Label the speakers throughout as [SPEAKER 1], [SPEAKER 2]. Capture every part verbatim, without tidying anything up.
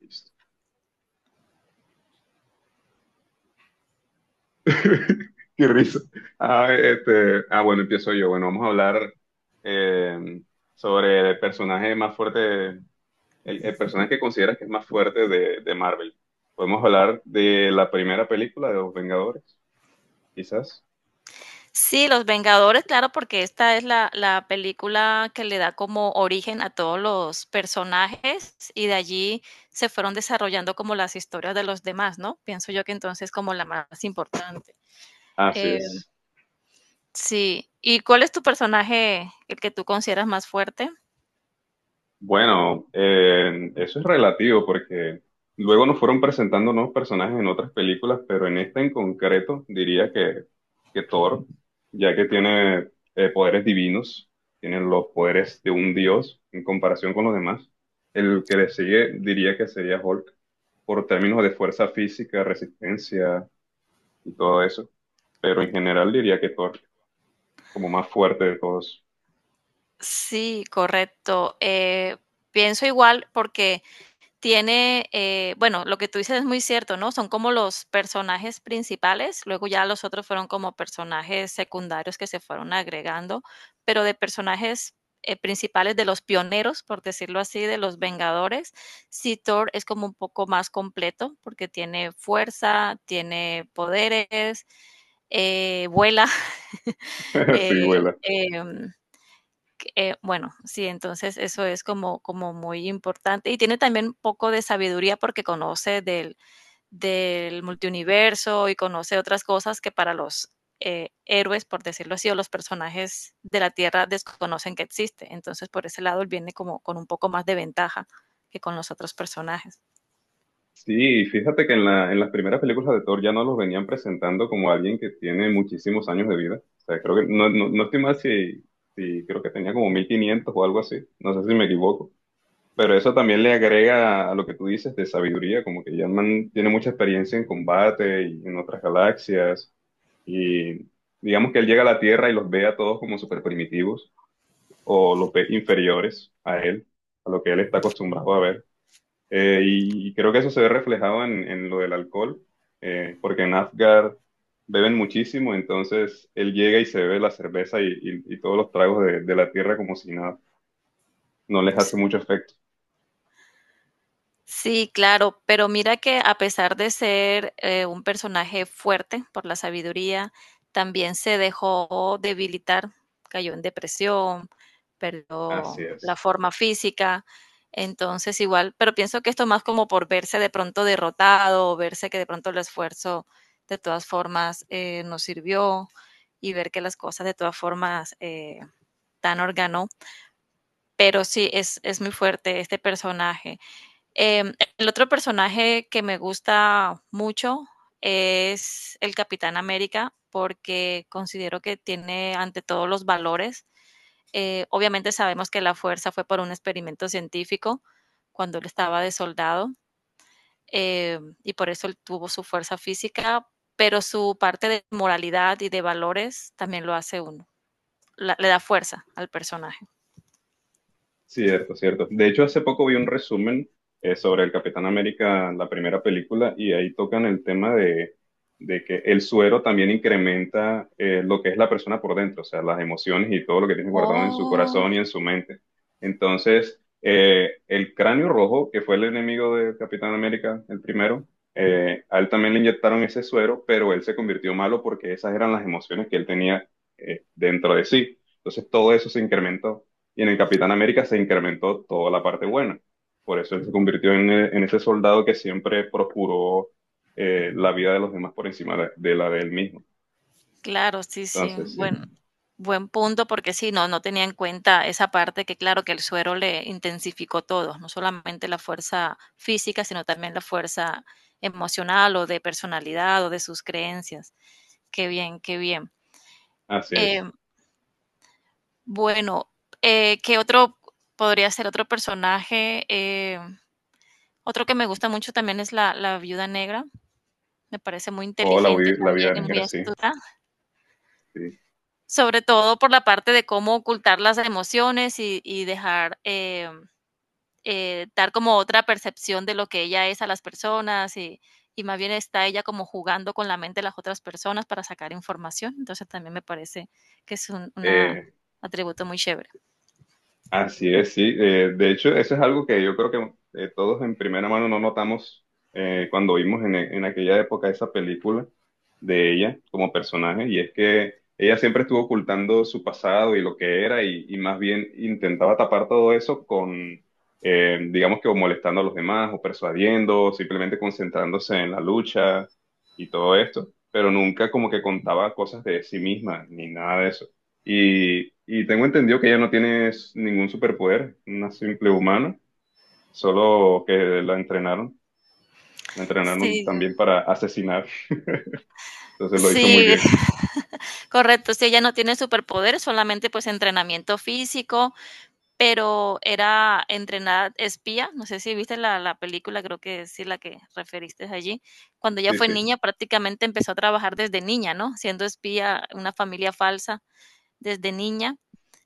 [SPEAKER 1] Qué risa. Ah, este, ah, bueno, empiezo yo. Bueno, vamos a hablar eh, sobre el personaje más fuerte, el, el personaje que consideras que es más fuerte de, de Marvel. Podemos hablar de la primera película de Los Vengadores, quizás.
[SPEAKER 2] Sí, Los Vengadores, claro, porque esta es la, la película que le da como origen a todos los personajes y de allí se fueron desarrollando como las historias de los demás, ¿no? Pienso yo que entonces como la más importante.
[SPEAKER 1] Así
[SPEAKER 2] Eh,
[SPEAKER 1] es.
[SPEAKER 2] sí, ¿y cuál es tu personaje, el que tú consideras más fuerte?
[SPEAKER 1] Bueno, eh, eso es relativo porque luego nos fueron presentando nuevos personajes en otras películas, pero en esta en concreto diría que, que Thor, ya que tiene eh, poderes divinos, tiene los poderes de un dios en comparación con los demás. El que le sigue diría que sería Hulk por términos de fuerza física, resistencia y todo eso, pero en general diría que Thor como más fuerte de todos.
[SPEAKER 2] Sí, correcto. Eh, pienso igual porque tiene, eh, bueno, lo que tú dices es muy cierto, ¿no? Son como los personajes principales, luego ya los otros fueron como personajes secundarios que se fueron agregando, pero de personajes eh, principales de los pioneros, por decirlo así, de los Vengadores. Sí, Thor es como un poco más completo porque tiene fuerza, tiene poderes, eh, vuela, eh,
[SPEAKER 1] Sí, vuela.
[SPEAKER 2] em, eh, bueno, sí, entonces eso es como, como muy importante. Y tiene también un poco de sabiduría porque conoce del, del multiuniverso y conoce otras cosas que para los eh, héroes, por decirlo así, o los personajes de la Tierra desconocen que existe. Entonces, por ese lado, él viene como con un poco más de ventaja que con los otros personajes.
[SPEAKER 1] Sí, fíjate que en la, en las primeras películas de Thor ya no los venían presentando como alguien que tiene muchísimos años de vida. O sea, creo que no, no, no estoy mal si, si creo que tenía como mil quinientos o algo así. No sé si me equivoco. Pero eso también le agrega a lo que tú dices de sabiduría, como que ya el man tiene mucha experiencia en combate y en otras galaxias. Y digamos que él llega a la Tierra y los ve a todos como super primitivos o los ve inferiores a él, a lo que él está acostumbrado a ver. Eh, y, y creo que eso se ve reflejado en, en lo del alcohol, eh, porque en Asgard beben muchísimo, entonces él llega y se bebe la cerveza y, y- y todos los tragos de, de la tierra como si nada, no les hace mucho efecto.
[SPEAKER 2] Sí, claro, pero mira que a pesar de ser eh, un personaje fuerte por la sabiduría, también se dejó debilitar, cayó en depresión,
[SPEAKER 1] Así
[SPEAKER 2] perdió la
[SPEAKER 1] es.
[SPEAKER 2] forma física, entonces igual, pero pienso que esto más como por verse de pronto derrotado, o verse que de pronto el esfuerzo de todas formas eh, no sirvió y ver que las cosas de todas formas eh, tan organó, pero sí es, es muy fuerte este personaje. Em, el otro personaje que me gusta mucho es el Capitán América, porque considero que tiene ante todo los valores. Eh, obviamente sabemos que la fuerza fue por un experimento científico cuando él estaba de soldado, eh, y por eso él tuvo su fuerza física, pero su parte de moralidad y de valores también lo hace uno, la- le da fuerza al personaje.
[SPEAKER 1] Cierto, cierto. De hecho, hace poco vi un resumen eh, sobre el Capitán América, la primera película, y ahí tocan el tema de, de que el suero también incrementa eh, lo que es la persona por dentro, o sea, las emociones y todo lo que tiene guardado en su
[SPEAKER 2] Oh,
[SPEAKER 1] corazón y en su mente. Entonces, eh, el cráneo rojo, que fue el enemigo del Capitán América, el primero, eh, a él también le inyectaron ese suero, pero él se convirtió malo porque esas eran las emociones que él tenía eh, dentro de sí. Entonces, todo eso se incrementó. Y en el Capitán América se incrementó toda la parte buena. Por eso él se convirtió en, eh, en ese soldado que siempre procuró eh, la vida de los demás por encima de, de la de él mismo.
[SPEAKER 2] claro, sí, sí.
[SPEAKER 1] Entonces, sí,
[SPEAKER 2] Buen buen punto, porque sí, no, no tenía en cuenta esa parte que, claro, que el suero le intensificó todo, no solamente la fuerza física, sino también la fuerza emocional o de personalidad o de sus creencias. Qué bien, qué bien.
[SPEAKER 1] así es.
[SPEAKER 2] Em, bueno, eh, ¿Qué otro podría ser otro personaje? Em, otro que me gusta mucho también es la, la Viuda Negra. Me parece muy
[SPEAKER 1] O la,
[SPEAKER 2] inteligente
[SPEAKER 1] vi- la vida
[SPEAKER 2] también y muy
[SPEAKER 1] negra, sí.
[SPEAKER 2] astuta.
[SPEAKER 1] Sí.
[SPEAKER 2] Sobre todo por la parte de cómo ocultar las emociones y y dejar, em, eh, dar como otra percepción de lo que ella es a las personas, y y más bien está ella como jugando con la mente de las otras personas para sacar información. Entonces, también me parece que es un una
[SPEAKER 1] Eh,
[SPEAKER 2] atributo muy chévere.
[SPEAKER 1] Así es, sí. Eh, de hecho, eso es algo que yo creo que eh, todos en primera mano no notamos eh, cuando vimos en, en aquella época esa película de ella como personaje, y es que ella siempre estuvo ocultando su pasado y lo que era, y, y más bien intentaba tapar todo eso con, eh, digamos que o molestando a los demás, o persuadiendo, o simplemente concentrándose en la lucha y todo esto, pero nunca como que contaba cosas de sí misma, ni nada de eso. Y, y tengo entendido que ella no tiene ningún superpoder, una simple humana, solo que la entrenaron, la entrenaron
[SPEAKER 2] Sí,
[SPEAKER 1] también para asesinar, entonces lo hizo muy
[SPEAKER 2] sí,
[SPEAKER 1] bien.
[SPEAKER 2] correcto. Si ella no tiene superpoderes, solamente, pues, entrenamiento físico, pero era entrenada espía, no sé si viste la, la película, creo que sí la que referiste allí, cuando ella
[SPEAKER 1] Sí,
[SPEAKER 2] fue
[SPEAKER 1] sí,
[SPEAKER 2] niña prácticamente empezó a trabajar desde niña, ¿no? Siendo espía, una familia falsa desde niña,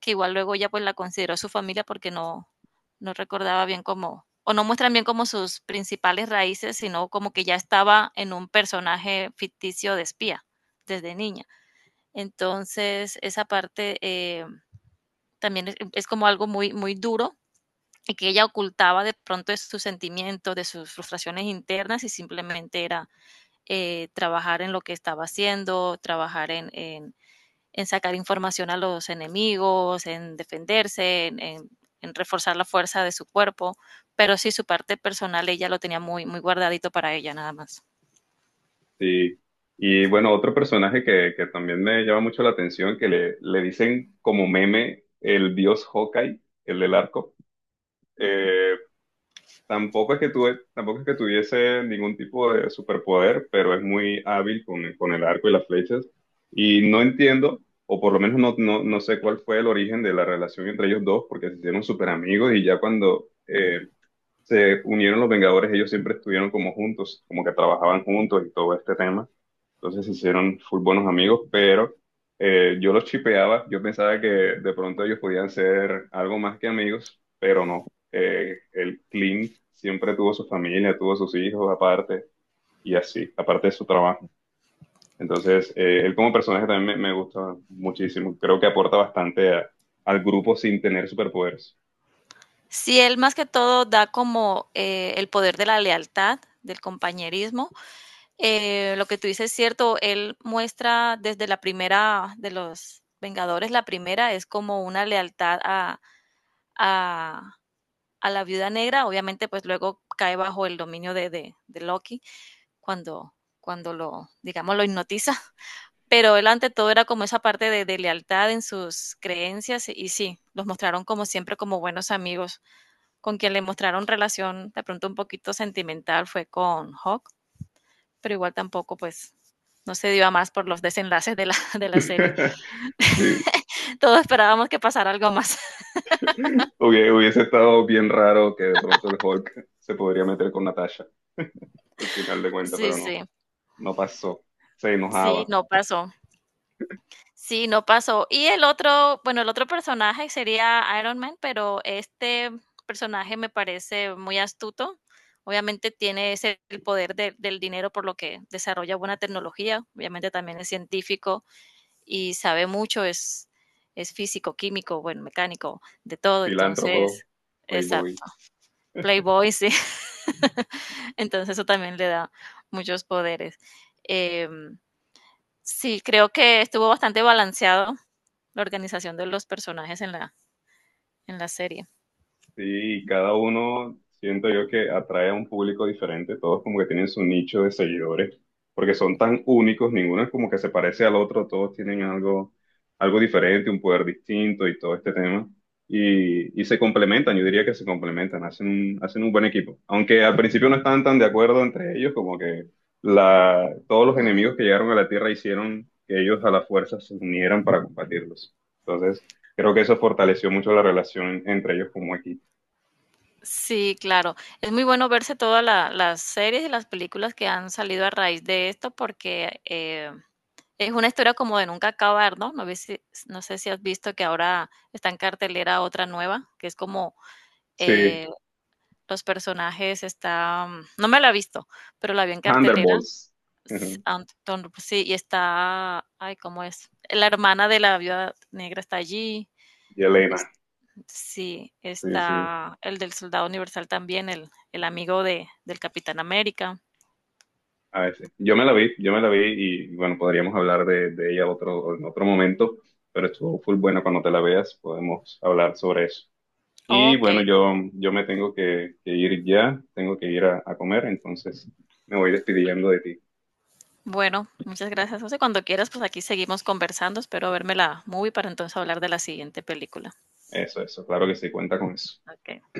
[SPEAKER 2] que igual luego ella pues la consideró su familia porque no, no recordaba bien cómo, o no muestran bien como sus principales raíces, sino como que ya estaba en un personaje ficticio de espía desde niña. Entonces, esa parte eh, también es, es como algo muy, muy duro y que ella ocultaba de pronto de sus sentimientos, de sus frustraciones internas y simplemente era eh, trabajar en lo que estaba haciendo, trabajar en, en, en sacar información a los enemigos, en defenderse, en, en, en reforzar la fuerza de su cuerpo, pero sí su parte personal ella lo tenía muy, muy guardadito para ella nada más.
[SPEAKER 1] sí. Y bueno, otro personaje que, que también me llama mucho la atención, que le, le dicen como meme el dios Hawkeye, el del arco. Eh, Tampoco es que tuve, tampoco es que tuviese ningún tipo de superpoder, pero es muy hábil con, con el arco y las flechas. Y no entiendo, o por lo menos no, no, no sé cuál fue el origen de la relación entre ellos dos, porque se hicieron súper amigos y ya cuando eh, se unieron los Vengadores, ellos siempre estuvieron como juntos, como que trabajaban juntos y todo este tema. Entonces se hicieron full buenos amigos, pero eh, yo los chipeaba, yo pensaba que de pronto ellos podían ser algo más que amigos, pero no. Eh, el Clint siempre tuvo su familia, tuvo sus hijos aparte y así, aparte de su trabajo. Entonces, eh, él como personaje también me, me gusta muchísimo. Creo que aporta bastante a- al grupo sin tener superpoderes.
[SPEAKER 2] Sí, él más que todo da como eh, el poder de la lealtad, del compañerismo. Eh, lo que tú dices es cierto, él muestra desde la primera de los Vengadores, la primera es como una lealtad a, a, a la viuda negra, obviamente pues luego cae bajo el dominio de, de, de Loki cuando, cuando lo, digamos, lo hipnotiza, pero él ante todo era como esa parte de, de lealtad en sus creencias y sí, los mostraron como siempre como buenos amigos, con quien le mostraron relación de pronto un poquito sentimental fue con Hawk, pero igual tampoco, pues, no se dio a más por los desenlaces de la de la serie.
[SPEAKER 1] Sí.
[SPEAKER 2] Todos esperábamos que pasara algo más.
[SPEAKER 1] Hubiese hubiese estado bien raro que de pronto el Hulk se podría meter con Natasha al final de cuentas,
[SPEAKER 2] Sí,
[SPEAKER 1] pero no,
[SPEAKER 2] sí.
[SPEAKER 1] no pasó. Se
[SPEAKER 2] Sí,
[SPEAKER 1] enojaba.
[SPEAKER 2] no pasó. Sí, no pasó. Y el otro, bueno, el otro personaje sería Iron Man, pero este personaje me parece muy astuto. Obviamente tiene ese el poder de del dinero, por lo que desarrolla buena tecnología. Obviamente también es científico y sabe mucho, es es físico, químico, bueno, mecánico, de todo.
[SPEAKER 1] Filántropo,
[SPEAKER 2] Entonces, exacto,
[SPEAKER 1] playboy.
[SPEAKER 2] playboy, sí. Entonces eso también le da muchos poderes. Eh, sí, creo que estuvo bastante balanceado la organización de los personajes en la, en la serie.
[SPEAKER 1] Sí, cada uno siento yo que atrae a un público diferente, todos como que tienen su nicho de seguidores, porque son tan únicos, ninguno es como que se parece al otro, todos tienen algo, algo diferente, un poder distinto y todo este tema, y, y se complementan, yo diría que se complementan, hacen un, hacen un buen equipo, aunque al principio no estaban tan de acuerdo entre ellos, como que la, todos los
[SPEAKER 2] Mm.
[SPEAKER 1] enemigos que llegaron a la Tierra hicieron que ellos a la fuerza se unieran para combatirlos, entonces creo que eso fortaleció mucho la relación entre ellos como equipo.
[SPEAKER 2] Sí, claro. Es muy bueno verse todas la- las series y las películas que han salido a raíz de esto porque eh, es una historia como de nunca acabar, ¿no? No, ves si- no sé si has visto que ahora está en cartelera otra nueva, que es como
[SPEAKER 1] Sí,
[SPEAKER 2] eh, los personajes están, no me la he visto, pero la vi en cartelera.
[SPEAKER 1] Thunderbolts.
[SPEAKER 2] s-
[SPEAKER 1] Ujú.
[SPEAKER 2] sí, y está, ay, ¿cómo es? La hermana de la viuda negra está allí.
[SPEAKER 1] Y Elena.
[SPEAKER 2] es- sí,
[SPEAKER 1] Sí, sí.
[SPEAKER 2] está el del Soldado Universal también, el, el amigo de, del Capitán América.
[SPEAKER 1] A veces. Yo me la vi, yo me la vi y bueno, podríamos hablar de, de ella otro, en otro momento, pero estuvo full buena cuando te la veas, podemos hablar sobre eso. Y bueno,
[SPEAKER 2] Ok,
[SPEAKER 1] yo, yo me tengo que, que ir ya, tengo que ir a, a comer, entonces me voy despidiendo de ti.
[SPEAKER 2] bueno, muchas gracias, José. Cuando quieras, pues aquí seguimos conversando. Espero verme la movie para entonces hablar de la siguiente película.
[SPEAKER 1] Eso, eso, claro que sí, cuenta con eso.
[SPEAKER 2] Ok.